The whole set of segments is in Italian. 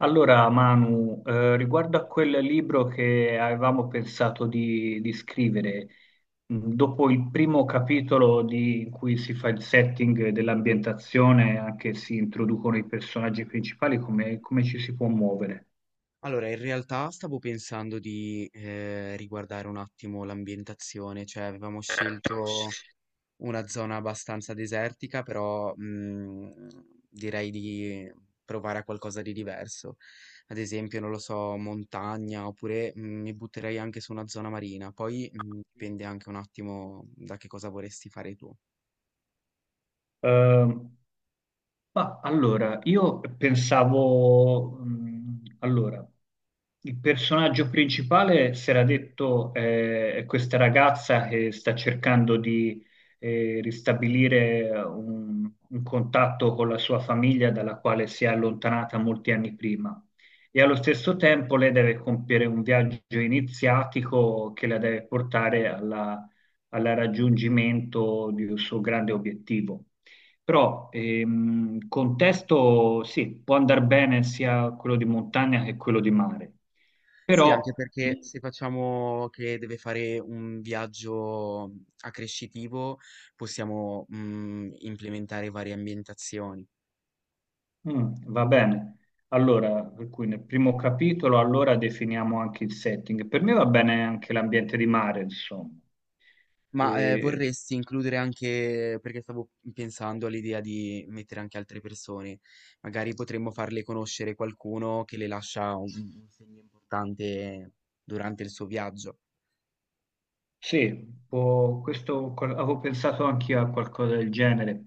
Allora, Manu, riguardo a quel libro che avevamo pensato di scrivere, dopo il primo capitolo in cui si fa il setting dell'ambientazione, anche si introducono i personaggi principali, come ci si può muovere? Allora, in realtà stavo pensando di riguardare un attimo l'ambientazione, cioè avevamo scelto una zona abbastanza desertica, però direi di provare a qualcosa di diverso. Ad esempio, non lo so, montagna, oppure mi butterei anche su una zona marina. Poi dipende anche un attimo da che cosa vorresti fare tu. Ehm, Ma allora, io pensavo, il personaggio principale si era detto è questa ragazza che sta cercando di ristabilire un contatto con la sua famiglia dalla quale si è allontanata molti anni prima. E allo stesso tempo lei deve compiere un viaggio iniziatico che la deve portare al raggiungimento di un suo grande obiettivo. Però contesto sì, può andare bene sia quello di montagna che quello di mare, Sì, anche però perché mm, se facciamo che deve fare un viaggio accrescitivo, possiamo, implementare varie ambientazioni. Va bene. Allora, per cui nel primo capitolo allora definiamo anche il setting. Per me va bene anche l'ambiente di mare, insomma. Ma, Eh, vorresti includere anche perché stavo pensando all'idea di mettere anche altre persone, magari potremmo farle conoscere qualcuno che le lascia un segno importante durante il suo viaggio. Sì, avevo pensato anche io a qualcosa del genere.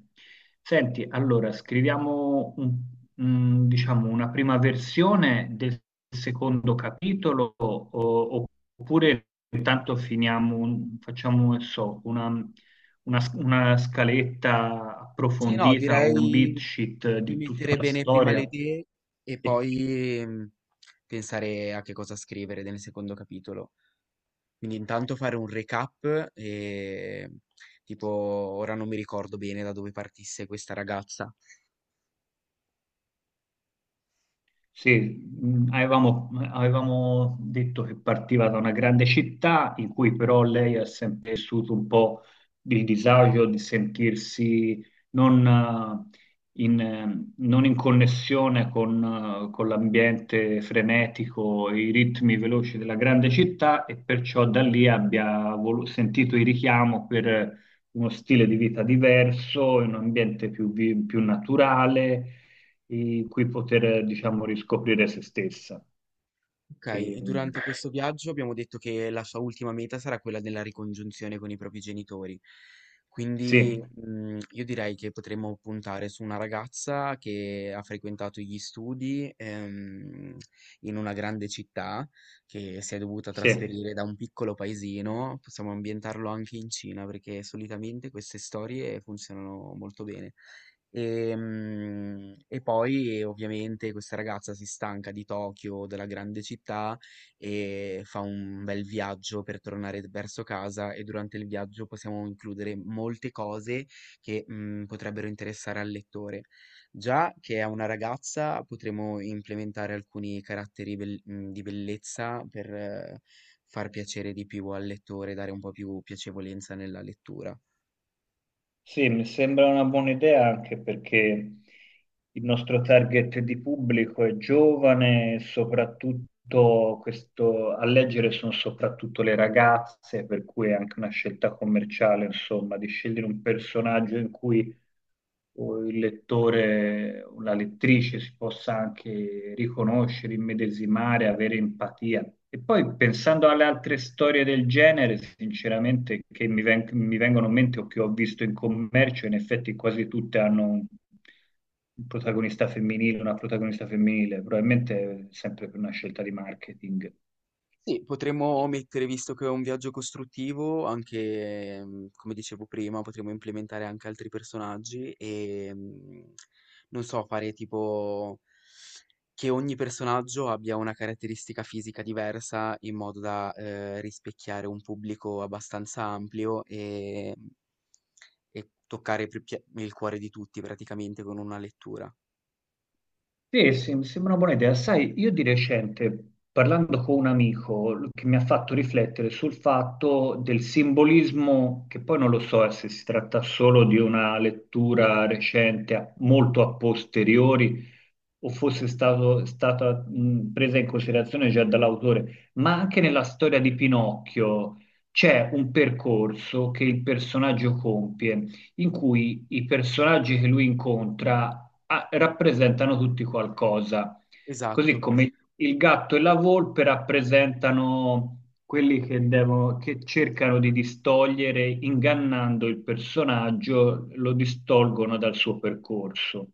Senti, allora, diciamo una prima versione del secondo capitolo oppure intanto facciamo, non so, una una scaletta Sì, no, approfondita o un beat direi sheet di di tutta mettere la bene prima le storia. idee e poi, pensare a che cosa scrivere nel secondo capitolo. Quindi intanto fare un recap, tipo ora non mi ricordo bene da dove partisse questa ragazza. Sì, avevamo detto che partiva da una grande città in cui però lei ha sempre vissuto un po' il disagio di sentirsi non in connessione con l'ambiente frenetico, i ritmi veloci della grande città e perciò da lì sentito il richiamo per uno stile di vita diverso, in un ambiente più naturale in cui poter, diciamo, riscoprire se stessa. Ok, e Ehm, durante questo viaggio abbiamo detto che la sua ultima meta sarà quella della ricongiunzione con i propri genitori. Quindi, sì, io direi che potremmo puntare su una ragazza che ha frequentato gli studi, in una grande città, che si è dovuta sì, trasferire da un piccolo paesino. Possiamo ambientarlo anche in Cina, perché solitamente queste storie funzionano molto bene. E poi ovviamente questa ragazza si stanca di Tokyo, della grande città, e fa un bel viaggio per tornare verso casa e durante il viaggio possiamo includere molte cose che potrebbero interessare al lettore. Già che è una ragazza, potremo implementare alcuni di bellezza per far piacere di più al lettore, dare un po' più piacevolezza nella lettura. sì, mi sembra una buona idea anche perché il nostro target di pubblico è giovane, soprattutto questo, a leggere sono soprattutto le ragazze, per cui è anche una scelta commerciale, insomma, di scegliere un personaggio in cui o il lettore o la lettrice si possa anche riconoscere, immedesimare, avere empatia. E poi pensando alle altre storie del genere, sinceramente, mi vengono in mente o che ho visto in commercio, in effetti quasi tutte hanno un protagonista femminile, una protagonista femminile, probabilmente sempre per una scelta di marketing. Sì, potremmo mettere, visto che è un viaggio costruttivo, anche, come dicevo prima, potremmo implementare anche altri personaggi e, non so, fare tipo che ogni personaggio abbia una caratteristica fisica diversa in modo da, rispecchiare un pubblico abbastanza ampio e e toccare più pie il cuore di tutti praticamente con una lettura. Sì, sì, mi sembra una buona idea. Sai, io di recente, parlando con un amico, che mi ha fatto riflettere sul fatto del simbolismo, che poi non lo so se si tratta solo di una lettura recente, molto a posteriori, o stata presa in considerazione già dall'autore, ma anche nella storia di Pinocchio c'è un percorso che il personaggio compie in cui i personaggi che lui incontra ah, rappresentano tutti qualcosa, così Esatto. come il gatto e la volpe rappresentano quelli che cercano di distogliere, ingannando il personaggio, lo distolgono dal suo percorso.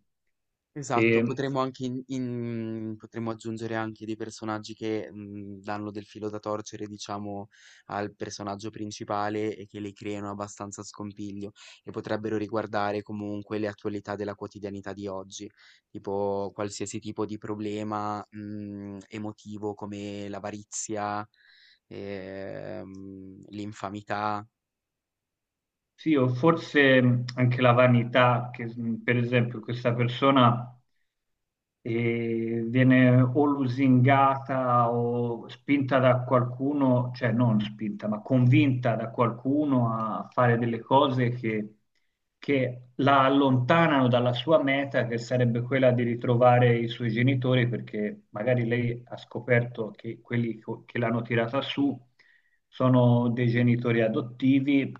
Esatto, E potremmo anche in in potremmo aggiungere anche dei personaggi che, danno del filo da torcere, diciamo, al personaggio principale e che le creano abbastanza scompiglio e potrebbero riguardare comunque le attualità della quotidianità di oggi, tipo qualsiasi tipo di problema, emotivo come l'avarizia, l'infamità. sì, o forse anche la vanità, che per esempio questa persona viene o lusingata o spinta da qualcuno, cioè non spinta, ma convinta da qualcuno a fare delle cose che la allontanano dalla sua meta, che sarebbe quella di ritrovare i suoi genitori, perché magari lei ha scoperto che che l'hanno tirata su sono dei genitori adottivi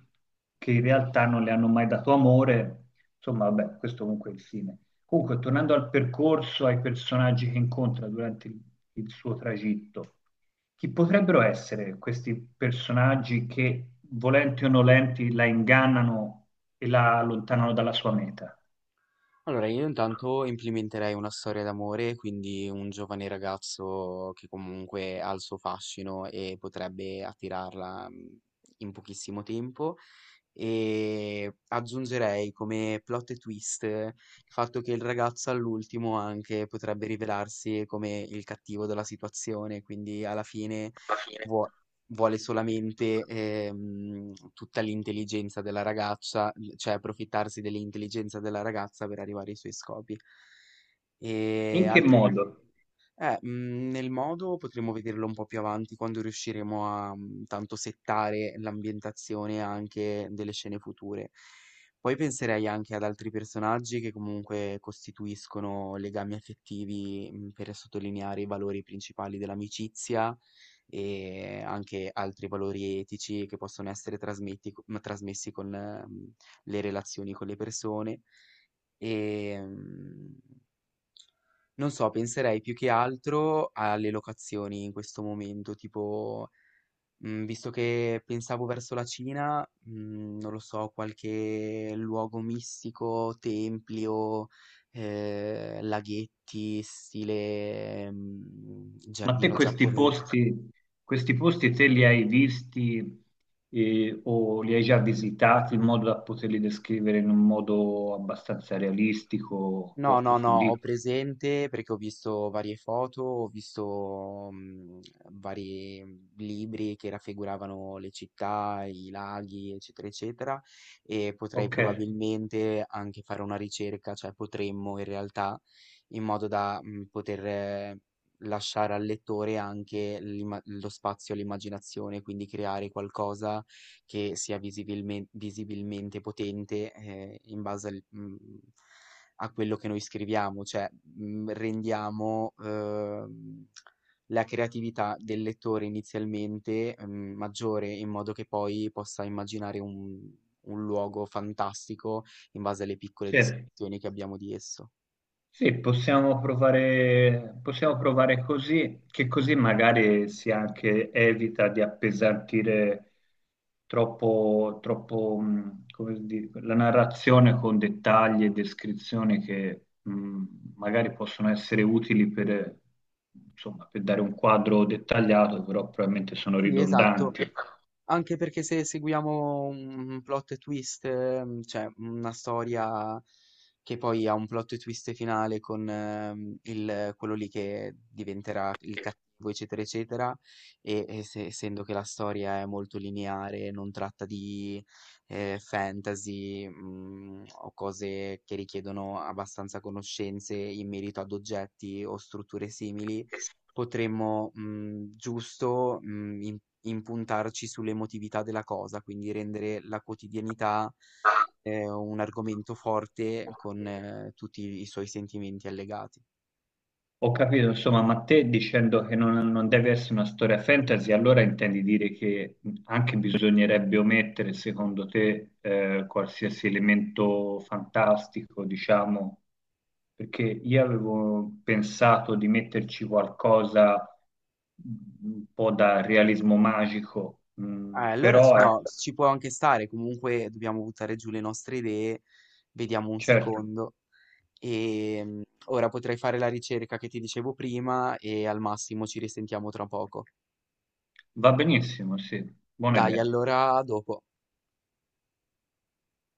che in realtà non le hanno mai dato amore. Insomma, vabbè, questo comunque è il fine. Comunque, tornando al percorso, ai personaggi che incontra durante il suo tragitto. Chi potrebbero essere questi personaggi che, volenti o nolenti, la ingannano e la allontanano dalla sua meta? Allora, io intanto implementerei una storia d'amore, quindi un giovane ragazzo che comunque ha il suo fascino e potrebbe attirarla in pochissimo tempo. E aggiungerei come plot twist il fatto che il ragazzo all'ultimo anche potrebbe rivelarsi come il cattivo della situazione, quindi alla fine vuo- vuole solamente tutta l'intelligenza della ragazza, cioè approfittarsi dell'intelligenza della ragazza per arrivare ai suoi scopi. E E in che altri per... modo? Nel modo potremmo vederlo un po' più avanti quando riusciremo a, tanto settare l'ambientazione anche delle scene future. Poi penserei anche ad altri personaggi che comunque costituiscono legami affettivi, per sottolineare i valori principali dell'amicizia e anche altri valori etici che possono essere trasmessi con, le relazioni con le persone. Ehm Non so, penserei più che altro alle locazioni in questo momento, tipo, visto che pensavo verso la Cina, non lo so, qualche luogo mistico, templi o laghetti, stile Ma te giardino giapponese. Questi posti te li hai visti o li hai già visitati in modo da poterli descrivere in un modo abbastanza realistico o No, no, no, ho approfondito? presente perché ho visto varie foto, ho visto vari libri che raffiguravano le città, i laghi, eccetera, eccetera, e potrei Ok, probabilmente anche fare una ricerca, cioè potremmo in realtà, in modo da poter lasciare al lettore anche lo spazio all'immaginazione, quindi creare qualcosa che sia visibilmente potente in base a quello che noi scriviamo, cioè, rendiamo, la creatività del lettore inizialmente, maggiore in modo che poi possa immaginare un luogo fantastico in base alle piccole sì. descrizioni che abbiamo di esso. Sì, possiamo provare così, che così magari si anche evita di appesantire troppo, come dire, la narrazione con dettagli e descrizioni che magari possono essere utili per, insomma, per dare un quadro dettagliato, però probabilmente sono Sì, esatto. ridondanti. Ecco. Anche perché se seguiamo un plot twist, cioè una storia che poi ha un plot twist finale con quello lì che diventerà il cattivo, eccetera, eccetera, essendo che la storia è molto lineare, non tratta di fantasy o cose che richiedono abbastanza conoscenze in merito ad oggetti o strutture simili. Potremmo, mhmm, giusto, mhmm, im impuntarci sull'emotività della cosa, quindi rendere la quotidianità, un argomento forte con tutti i suoi sentimenti allegati. Ho capito, insomma, ma te dicendo che non deve essere una storia fantasy, allora intendi dire che anche bisognerebbe omettere, secondo te, qualsiasi elemento fantastico, diciamo, perché io avevo pensato di metterci qualcosa un po' da realismo magico, mm, Ah, allora s però no, ci può anche stare, comunque dobbiamo buttare giù le nostre idee, vediamo un certo, secondo. Ora potrei fare la ricerca che ti dicevo prima e al massimo ci risentiamo tra poco. va benissimo, sì, buona Dai, idea. allora a dopo.